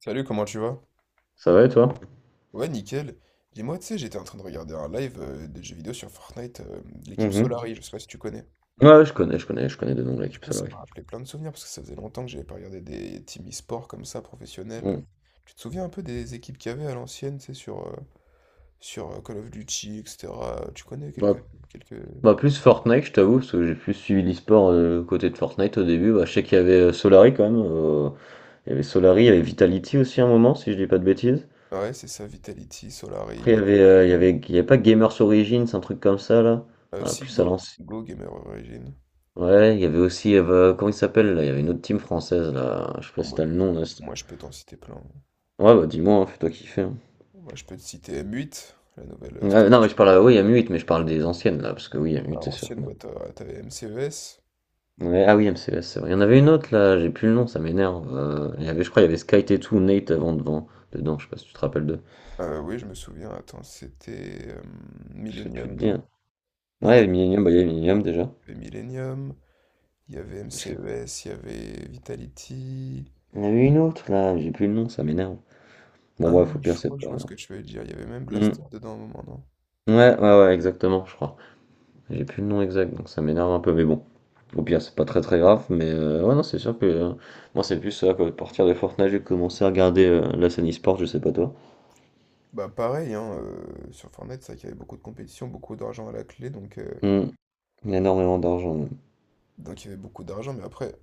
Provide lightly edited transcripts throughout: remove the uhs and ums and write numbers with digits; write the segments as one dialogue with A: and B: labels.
A: Salut, comment tu vas?
B: Ça va et toi?
A: Ouais, nickel. Dis-moi, tu sais, j'étais en train de regarder un live des jeux vidéo sur Fortnite, de l'équipe
B: Mhm.
A: Solari, je sais pas si tu connais.
B: Ouais, je connais, je connais de nom de
A: Du
B: l'équipe
A: coup, ça
B: Solary.
A: m'a rappelé plein de souvenirs parce que ça faisait longtemps que j'avais pas regardé des teams e-sport comme ça, professionnels.
B: Bon.
A: Tu te souviens un peu des équipes qu'il y avait à l'ancienne, tu sais, sur, Call of Duty, etc. Tu connais
B: Bah,
A: quelques...
B: Plus Fortnite, je t'avoue, parce que j'ai plus suivi l'e-sport côté de Fortnite au début. Bah, je sais qu'il y avait Solary quand même. Il y avait Solary, il y avait Vitality aussi à un moment, si je dis pas de bêtises.
A: Ouais, c'est ça, Vitality,
B: Après, il
A: Solari,
B: y avait,
A: enfin,
B: il y avait pas Gamers Origins, un truc comme ça là. Voilà,
A: si,
B: plus à
A: Go,
B: l'ancienne.
A: Go Gamer Origin.
B: Ouais, il y avait aussi, comment il s'appelle là? Il y avait une autre team française là. Je sais pas
A: Oh,
B: si
A: moi,
B: t'as le nom là.
A: moi, je peux t'en citer plein.
B: Ouais, bah dis-moi, hein, fais-toi kiffer, hein.
A: Moi, je peux te citer M8, la nouvelle
B: Ouais, non, mais je
A: structure.
B: parle, oui, il y a M8, mais je parle des anciennes là, parce que oui, il y a M8,
A: Alors,
B: c'est sûr.
A: ancienne boîte, t'avais MCES.
B: Ouais, ah oui, MCES, c'est vrai. Il y en avait une autre là, j'ai plus le nom, ça m'énerve. Il y avait, je crois, il y avait Sky Tattoo, Nate avant devant, dedans, je sais pas si tu te rappelles d'eux.
A: Oui, je me souviens. Attends, c'était
B: Je sais plus te
A: Millennium,
B: dire.
A: non? Non,
B: Ouais,
A: non.
B: Millennium, bah il y avait Millennium
A: Il
B: déjà.
A: y avait Millennium, il y avait
B: Je sais-
A: MCES, il y avait Vitality.
B: Il y en avait une autre là, j'ai plus le nom, ça m'énerve. Bon,
A: Ah,
B: bref, au pire,
A: je crois
B: c'est
A: que je
B: pas.
A: vois ce que tu veux dire. Il y avait même
B: Hmm.
A: Blaster dedans à un moment, non?
B: Ouais, ouais, ouais, exactement, je crois. J'ai plus le nom exact, donc ça m'énerve un peu, mais bon. Au pire, c'est pas très très grave, mais ouais, non, c'est sûr que moi, c'est plus ça, quoi. À partir de Fortnite, j'ai commencé à regarder la scène e-sport, je sais pas toi.
A: Bah, pareil, hein, sur Fortnite, c'est vrai qu'il y avait beaucoup de compétition, beaucoup d'argent à la clé,
B: Hmm. Il y a énormément d'argent.
A: donc il y avait beaucoup d'argent. Mais après,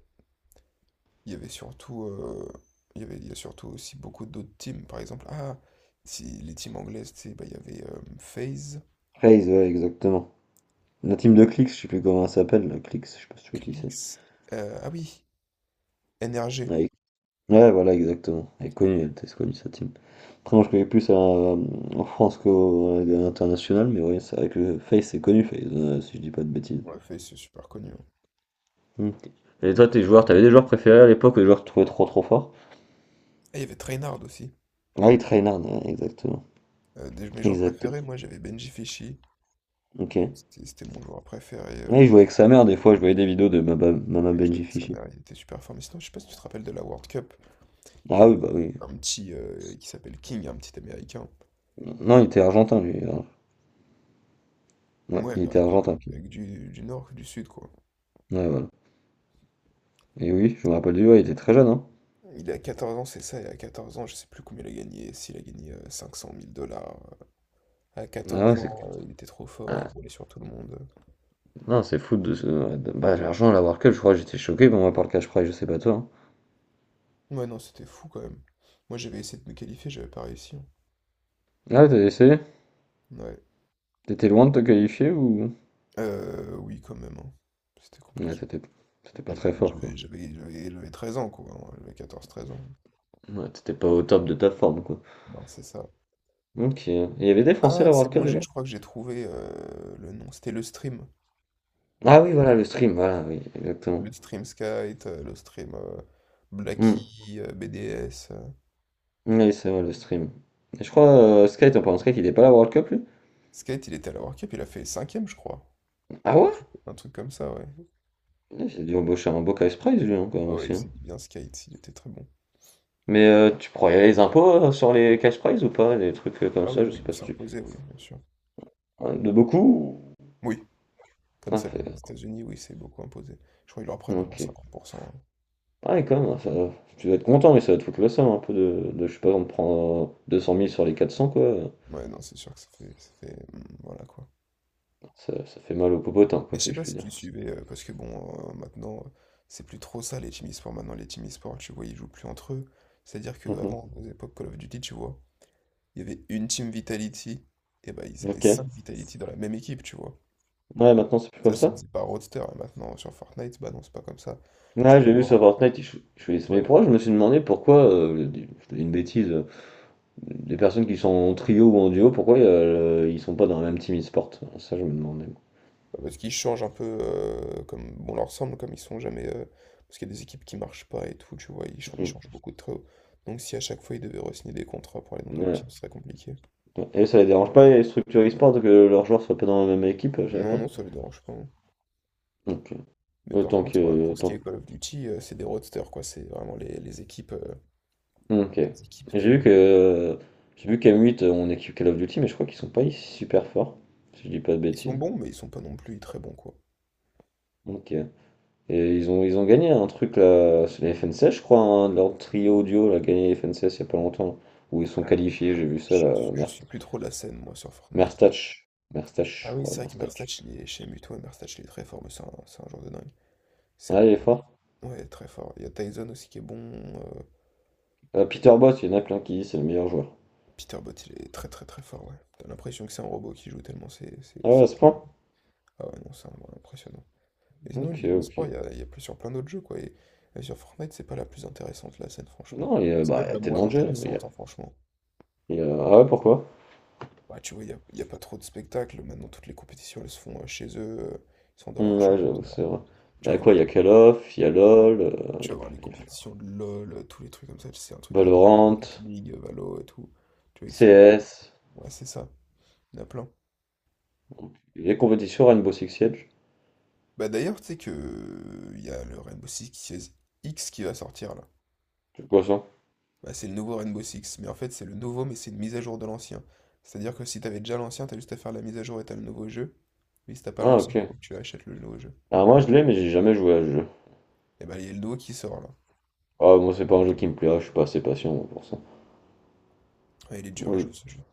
A: il y avait surtout, il y avait, il y a surtout aussi beaucoup d'autres teams. Par exemple, ah, si, les teams anglaises, tu sais, bah, il y avait FaZe.
B: Phase, ouais, exactement. La team de Clix, je sais plus comment elle s'appelle, la Clix, je sais pas si tu vois qui c'est.
A: Clix. Ah oui, NRG.
B: Avec- Ouais, voilà, exactement. Elle est connue, elle était connue sa team. Après, moi, je connais plus en France qu'au l'international, mais oui, c'est vrai que Face, c'est connu, Face, si je dis pas de bêtises.
A: On l'a fait, c'est super connu, hein.
B: Ok. Et toi, tes joueurs, t'avais des joueurs préférés à l'époque, des joueurs que tu trouvais trop trop forts?
A: Ah, il y avait Trainard aussi.
B: Ah, il Trainard, ouais, exactement.
A: Mes joueurs
B: Exactement.
A: préférés, moi j'avais Benji Fischi.
B: Ok.
A: C'était mon joueur préféré.
B: Ouais, il jouait avec sa mère, des fois, je voyais des vidéos de Mama, Mama
A: Ouais, il jouait
B: Benji
A: avec sa
B: Fishy.
A: mère, il était super fort. Mais sinon, je sais pas si tu te rappelles de la World Cup. Il y
B: Ah oui,
A: avait
B: bah oui.
A: un petit qui s'appelle King, un petit américain.
B: Non, il était argentin, lui, hein. Ouais,
A: Ouais,
B: il
A: mais
B: était
A: avec,
B: argentin.
A: avec du nord, du sud, quoi.
B: Ouais, voilà. Et oui, je me rappelle de lui, ouais, il était très jeune, hein.
A: Il a 14 ans, c'est ça, et à 14 ans, je sais plus combien il a gagné. S'il a gagné cinq cent mille dollars. À
B: Ah ouais,
A: quatorze
B: c'est.
A: ans, il était trop fort, il
B: ah,
A: roulait sur tout le monde.
B: non, c'est fou de ce. Bah, l'argent à la World Cup, je crois que j'étais choqué, pour moi, par le cash prize, je sais pas toi, hein.
A: Ouais, non, c'était fou quand même. Moi, j'avais essayé de me qualifier, j'avais pas réussi, hein.
B: Ah, t'as essayé?
A: Ouais.
B: T'étais loin de te qualifier ou.
A: Oui, quand même, hein. C'était
B: Ouais,
A: compliqué.
B: t'étais pas
A: Je-
B: très fort, quoi.
A: J'avais 13 ans, quoi, hein. J'avais 14 13 ans.
B: Ouais, t'étais pas au top de ta forme, quoi.
A: Non, c'est ça.
B: Ok. Et il y avait des Français à
A: Ah,
B: la
A: c'est
B: World Cup
A: bon,
B: déjà?
A: je crois que j'ai trouvé le nom. C'était le stream.
B: Ah oui, voilà, le stream, voilà, oui,
A: Le
B: exactement.
A: stream Skate, le stream
B: Hmm.
A: Blacky, BDS.
B: Oui, c'est vrai, le stream. Et je crois, Sky, t'en parles de Sky, il est pas à la World Cup, lui?
A: Skate, il était à la World Cup, il a fait cinquième je crois.
B: Ah ouais?
A: Un truc comme ça, ouais.
B: Ah, il a dû embaucher un beau cash prize, lui, hein, quand même
A: Ah ouais, il
B: aussi, hein.
A: s'est dit bien Skate, il était très bon.
B: Mais tu pourrais y aller les impôts sur les cash prizes ou pas? Des trucs comme
A: Ah oui,
B: ça, je
A: oui,
B: sais pas
A: il
B: si
A: s'est
B: tu.
A: imposé, oui, bien sûr.
B: Hein, de beaucoup?
A: Oui. Comme
B: Ah,
A: ça vient des
B: fait-
A: États-Unis, oui, c'est beaucoup imposé. Je crois qu'ils leur prennent au moins
B: ok.
A: 50%.
B: Ah, et quand même, hein, ça... Tu vas être content, mais ça va te foutre le seum un peu je sais pas, on te prend 200 000 sur les 400 quoi.
A: Ouais, non, c'est sûr que ça fait, voilà quoi.
B: Ça fait mal au popotin,
A: Et
B: quoi,
A: je sais
B: si je
A: pas
B: puis
A: si
B: dire.
A: tu suivais, parce que bon, maintenant, c'est plus trop ça les team e-sport. Maintenant, les team e-sport, tu vois, ils jouent plus entre eux. C'est-à-dire que
B: Mhm.
A: avant, aux époques Call of Duty, tu vois, il y avait une team Vitality, et bah ils étaient
B: Ok.
A: 5 Vitality dans la même équipe, tu vois.
B: Ouais, maintenant c'est plus
A: Ça
B: comme
A: se
B: ça.
A: faisait par roster, et maintenant sur Fortnite, bah non, c'est pas comme ça. Tu
B: Ouais,
A: peux
B: j'ai vu
A: avoir.
B: sur Fortnite, ils choisissent. Mais
A: Ouais.
B: pourquoi je me suis demandé pourquoi, je dis une bêtise, les personnes qui sont en trio ou en duo, pourquoi ils sont pas dans la même team e-sport? Ça, je me demandais.
A: Bah, parce qu'ils changent un peu comme bon leur semble, comme ils sont jamais. Parce qu'il y a des équipes qui marchent pas et tout, tu vois, ils
B: Mm.
A: changent beaucoup de très haut. Donc si à chaque fois ils devaient re-signer des contrats pour aller dans d'autres
B: Ouais,
A: teams, ce serait compliqué.
B: et ça les dérange pas, ils structurent e-sport que leurs joueurs soient pas dans la même équipe à chaque
A: Non,
B: fois.
A: non, ça les dérange pas, hein.
B: Ok.
A: Mais par
B: Autant
A: contre,
B: que.
A: pour ce qui
B: autant-
A: est Call of Duty, c'est des roadsters, quoi. C'est vraiment les équipes, euh,
B: Ok.
A: les équipes de
B: J'ai
A: la...
B: vu que. J'ai vu qu'M8, on équipe Call of Duty, mais je crois qu'ils sont pas super forts, si je dis pas de
A: Ils sont
B: bêtises.
A: bons, mais ils sont pas non plus très bons, quoi.
B: Ok. Et ils ont gagné un truc là, c'est la FNCS, je crois, hein, leur trio audio a gagné la FNCS il y a pas longtemps, où ils sont
A: Ah,
B: qualifiés, j'ai vu ça
A: je,
B: là,
A: je suis plus trop la scène, moi, sur Fortnite.
B: Merstach. Merstach,
A: Ah
B: je
A: oui,
B: crois,
A: c'est vrai que
B: Merstach.
A: Merstach, il est chez Muto, et Merstach, il est très fort, mais c'est un joueur de dingue. C'est un...
B: Ah, il est fort.
A: Ouais, très fort. Il y a Tyson aussi qui est bon. euh,
B: Peter Bott, il y en a plein qui disent c'est le meilleur joueur.
A: Peter Bott, il est très très très fort, ouais. T'as l'impression que c'est un robot qui joue tellement c'est... c'est-
B: Ah ouais,
A: c'est-
B: à ce point?
A: Ah ouais, non, ouais, impressionnant. Et sinon,
B: Ok,
A: l'e-sport,
B: ok.
A: il y a plus sur plein d'autres jeux, quoi. Et sur Fortnite, c'est pas la plus intéressante, la scène, franchement.
B: Non, il y a,
A: C'est
B: bah, il
A: même
B: y a
A: la moins
B: tellement de jeux.
A: intéressante, hein, franchement.
B: Ah ouais, pourquoi?
A: Bah, tu vois, il y a pas trop de spectacles. Maintenant, toutes les compétitions, elles se font chez eux. Ils sont dans leur
B: Ouais,
A: chambre,
B: j'avoue,
A: voilà.
B: c'est vrai. Il
A: Tu
B: y
A: vas
B: a
A: voir
B: quoi? Il y
A: des,
B: a Call of, il y a LoL, il
A: tu
B: y
A: vas
B: a,
A: voir les
B: il y a
A: compétitions de LoL, tous les trucs comme ça. C'est un truc de dingue.
B: Valorant,
A: Rocket League, Valo et tout. Tu vois, ils sont...
B: CS,
A: Ouais, c'est ça. Il y en a plein.
B: les compétitions Rainbow Six Siege.
A: Bah d'ailleurs, tu sais que il y a le Rainbow Six X qui va sortir là.
B: C'est quoi ça?
A: Bah, c'est le nouveau Rainbow Six, mais en fait c'est le nouveau, mais c'est une mise à jour de l'ancien. C'est-à-dire que si t'avais déjà l'ancien, t'as juste à faire la mise à jour et t'as le nouveau jeu. Mais si t'as pas
B: Ah,
A: l'ancien,
B: ok.
A: faut que tu achètes le nouveau jeu.
B: Alors moi, je l'ai, mais j'ai jamais joué à ce jeu.
A: Et bah il y a le nouveau qui sort là.
B: Ah, moi, c'est pas un jeu qui me plaît, ah, je suis pas assez patient moi, pour ça.
A: Ouais, il est dur à
B: Oui.
A: jouer ce jeu.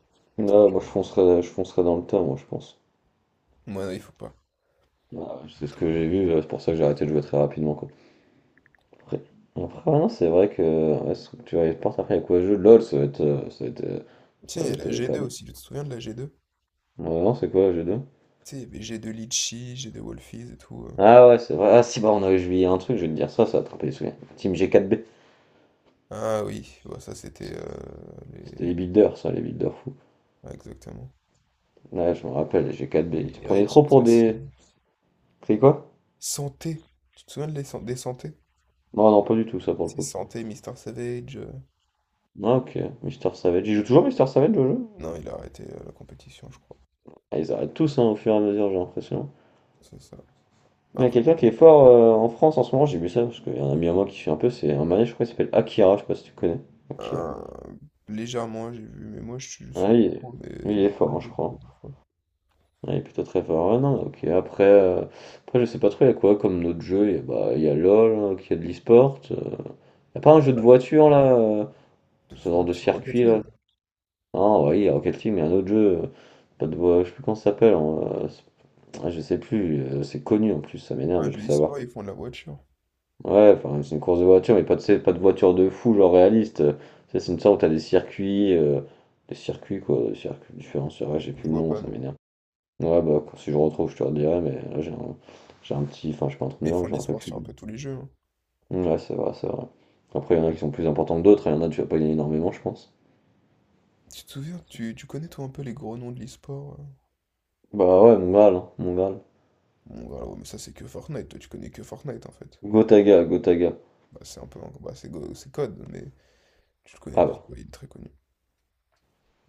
A: Très
B: Là,
A: dur.
B: moi, je foncerais dans le tas, moi, je pense.
A: Ouais, non, il faut pas.
B: Ah,
A: Il
B: c'est
A: est
B: ce
A: très
B: que
A: dur.
B: j'ai vu, c'est pour ça que j'ai arrêté de jouer très rapidement, quoi. Après, après, ouais, non, c'est vrai que ouais, Structure et Sport, après, il y a quoi le jeu? LOL,
A: Tiens,
B: ça
A: il
B: va
A: y a
B: être
A: la
B: pas
A: G2
B: mal.
A: aussi, tu te souviens de la G2?
B: Ouais, non, c'est quoi, g deux?
A: Tu sais, il y avait G2 Litchi, G2 Wolfies et tout.
B: Ah ouais, c'est vrai. Ah si, bah, on a oublié un truc, je vais te dire ça, ça va attraper les souvenirs. Team G4B.
A: Ah oui, ouais, ça c'était les.
B: C'était les builders, ça, les builders fous.
A: Ouais, exactement.
B: Ouais, je me rappelle, les G4B.
A: Et
B: Ils se prenaient trop
A: Heretics
B: pour
A: aussi.
B: des. C'est quoi?
A: Santé. Tu te souviens de des Santé?
B: Non, non, pas du tout, ça, pour le
A: Si,
B: coup.
A: Santé, Mister Savage.
B: Ah, ok. Mister Savage. Ils jouent toujours Mister Savage au jeu?
A: Non, il a arrêté la compétition, je crois.
B: Ah, ils arrêtent tous, hein, au fur et à mesure, j'ai l'impression.
A: C'est ça.
B: Il y a
A: Après, ouais,
B: quelqu'un qui est fort en France en ce moment, j'ai vu ça, parce qu'il y a un ami à moi qui fait un peu, c'est un manège, je crois, il s'appelle Akira, je sais pas si tu connais. Akira.
A: euh, légèrement, j'ai vu, mais moi, je suis
B: Ah, il
A: plus
B: est,
A: trop, mais
B: il
A: du
B: est
A: point
B: fort, hein, je
A: relevé, quoi,
B: crois.
A: des fois.
B: Ah, il est plutôt très fort. Ah, non, ok. Après, je sais pas trop, il y a quoi comme notre jeu? Il y a, bah, il y a LOL, hein, qui a de l'e-sport. Il y a pas un jeu de
A: Ouais.
B: voiture, là,
A: De
B: ce genre de
A: voiture Rocket
B: circuit,
A: League.
B: là. Ah, oui, il y a Rocket League, mais il y a un autre jeu, pas de voiture, je sais plus comment ça s'appelle, hein, euh, c'est- je sais plus, c'est connu en plus, ça m'énerve
A: Un
B: de plus
A: jeu
B: savoir.
A: e-sport, ils font de la voiture.
B: Ouais, enfin, c'est une course de voiture, mais pas de, c'est pas de voiture de fou, genre réaliste. Ça, c'est une sorte où t'as des circuits, des circuits différents. C'est vrai, j'ai
A: Je
B: plus le
A: vois
B: nom,
A: pas,
B: ça
A: non.
B: m'énerve. Ouais, bah, si je retrouve, je te redirai, mais là, j'ai un petit, enfin, je suis pas
A: Mais ils
B: entraîneur, mais
A: font
B: je
A: de
B: me rappelle
A: l'e-sport
B: plus.
A: sur un peu tous les jeux, hein.
B: Ouais, c'est vrai, c'est vrai. Après, il y en a qui sont plus importants que d'autres, et il y en a, tu vas pas gagner énormément, je pense.
A: Tu te souviens, tu connais, toi, un peu les gros noms de l'e-sport?
B: Bah ouais, mon Graal, hein, mon Graal.
A: Bon, voilà, ouais, mais ça, c'est que Fortnite. Toi, tu connais que Fortnite, en fait.
B: Gotaga, Gotaga.
A: Bah, c'est un peu... Bah, c'est Code, mais tu le connais
B: Ah
A: parce
B: bah.
A: qu'il est très connu.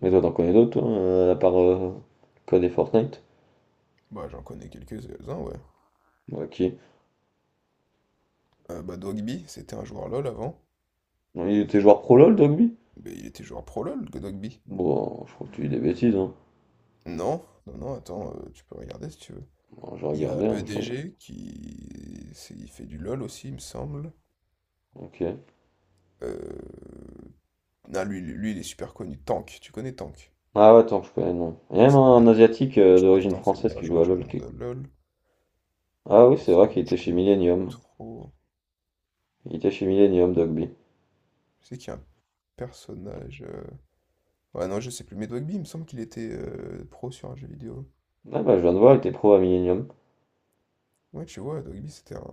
B: Mais toi, t'en connais d'autres, toi, à part Code et Fortnite?
A: Bah, j'en connais quelques-uns, ouais.
B: Ok.
A: Bah, Dogby, c'était un joueur LoL avant.
B: Non, il était joueur pro LoL, Dogby?
A: Mais il était joueur pro LoL, que Dogby.
B: Bon, je crois que tu dis des bêtises, hein.
A: Non, non, non, attends, tu peux regarder si tu veux.
B: Bon, je
A: Il y a
B: regardais, hein, je regarde.
A: EDG il fait du LoL aussi, il me semble.
B: Ok.
A: Euh, Non, lui, il est super connu. Tank, tu connais Tank?
B: Ah ouais, attends, je connais le nom. Il y a
A: Ouais,
B: même
A: c'est-
B: un Asiatique
A: Je crois que
B: d'origine
A: Tank, c'est le
B: française
A: meilleur
B: qui
A: joueur
B: joue à
A: du
B: LoL qui
A: monde.
B: écoute.
A: LoL.
B: Ah oui, c'est vrai
A: Sinon,
B: qu'il
A: je
B: était chez
A: connais
B: Millennium.
A: trop.
B: Il était chez Millennium, Dogby.
A: Je sais qu'il y a un personnage. Ouais, non, je sais plus. Mais Dogby, il me semble qu'il était pro sur un jeu vidéo.
B: Ah bah, je viens de voir, il était pro à Millennium.
A: Ouais, tu vois, Dogby, c'était un.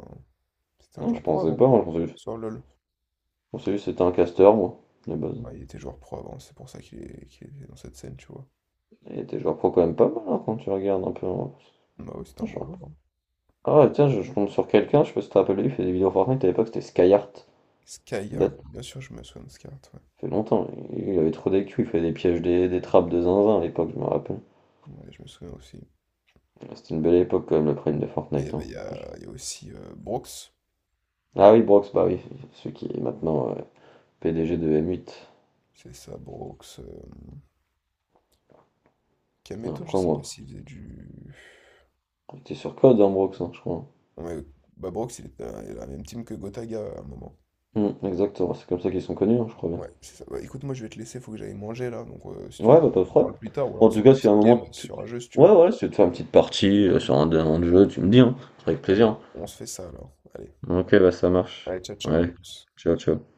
A: C'était un
B: Non,
A: joueur
B: je
A: pro
B: pensais
A: avant,
B: pas, moi,
A: sur LoL.
B: je pensais juste que c'était un caster, moi, de base.
A: Ah, il était joueur pro avant, c'est pour ça qu'il est dans cette scène, tu vois.
B: Il était joueur pro quand même pas mal, hein, quand tu regardes un peu, hein.
A: Bah oui, c'était un bon
B: Franchement.
A: joueur, hein.
B: Ah ouais, tiens, je tombe sur quelqu'un, je sais pas si tu te rappelles, il fait des vidéos Fortnite à l'époque, c'était Skyheart. Il date,
A: Skyheart,
B: ça
A: bien sûr, je me souviens de Skyheart, ouais.
B: fait longtemps, il avait trop d'EQ, il fait des pièges, des trappes de zinzin à l'époque, je me rappelle.
A: Ouais, je me souviens aussi.
B: Mais c'était une belle époque quand même le prime de
A: Mais il y
B: Fortnite,
A: avait-
B: hein.
A: il y a aussi Brooks,
B: Ah oui, Brox, bah oui, celui qui est maintenant PDG de M8.
A: c'est ça, Brooks. Kameto, je
B: Après
A: sais pas
B: moi,
A: s'il faisait du.
B: il était sur Code, hein, Brox, hein, je crois.
A: Non, mais, bah Brooks, il était dans la même team que Gotaga à un moment.
B: Hmm, exactement, c'est comme ça qu'ils sont connus, hein, je crois bien.
A: Ouais, c'est ça. Bah, écoute, moi je vais te laisser, faut que j'aille manger là, donc si tu veux,
B: Ouais, bah pas de
A: on
B: problème.
A: parle plus tard, ou alors
B: Bon,
A: on
B: en
A: se
B: tout
A: fait
B: cas,
A: une
B: si à un
A: petite game
B: moment tu...
A: sur un jeu si tu
B: Ouais,
A: veux.
B: ouais, si tu veux te faire une petite partie sur un jeu, tu me dis, hein, avec
A: Allez,
B: plaisir,
A: on se fait ça alors. Allez,
B: hein. Ok, bah ça marche.
A: allez, ciao, ciao, à
B: Ouais,
A: plus.
B: ciao, ciao.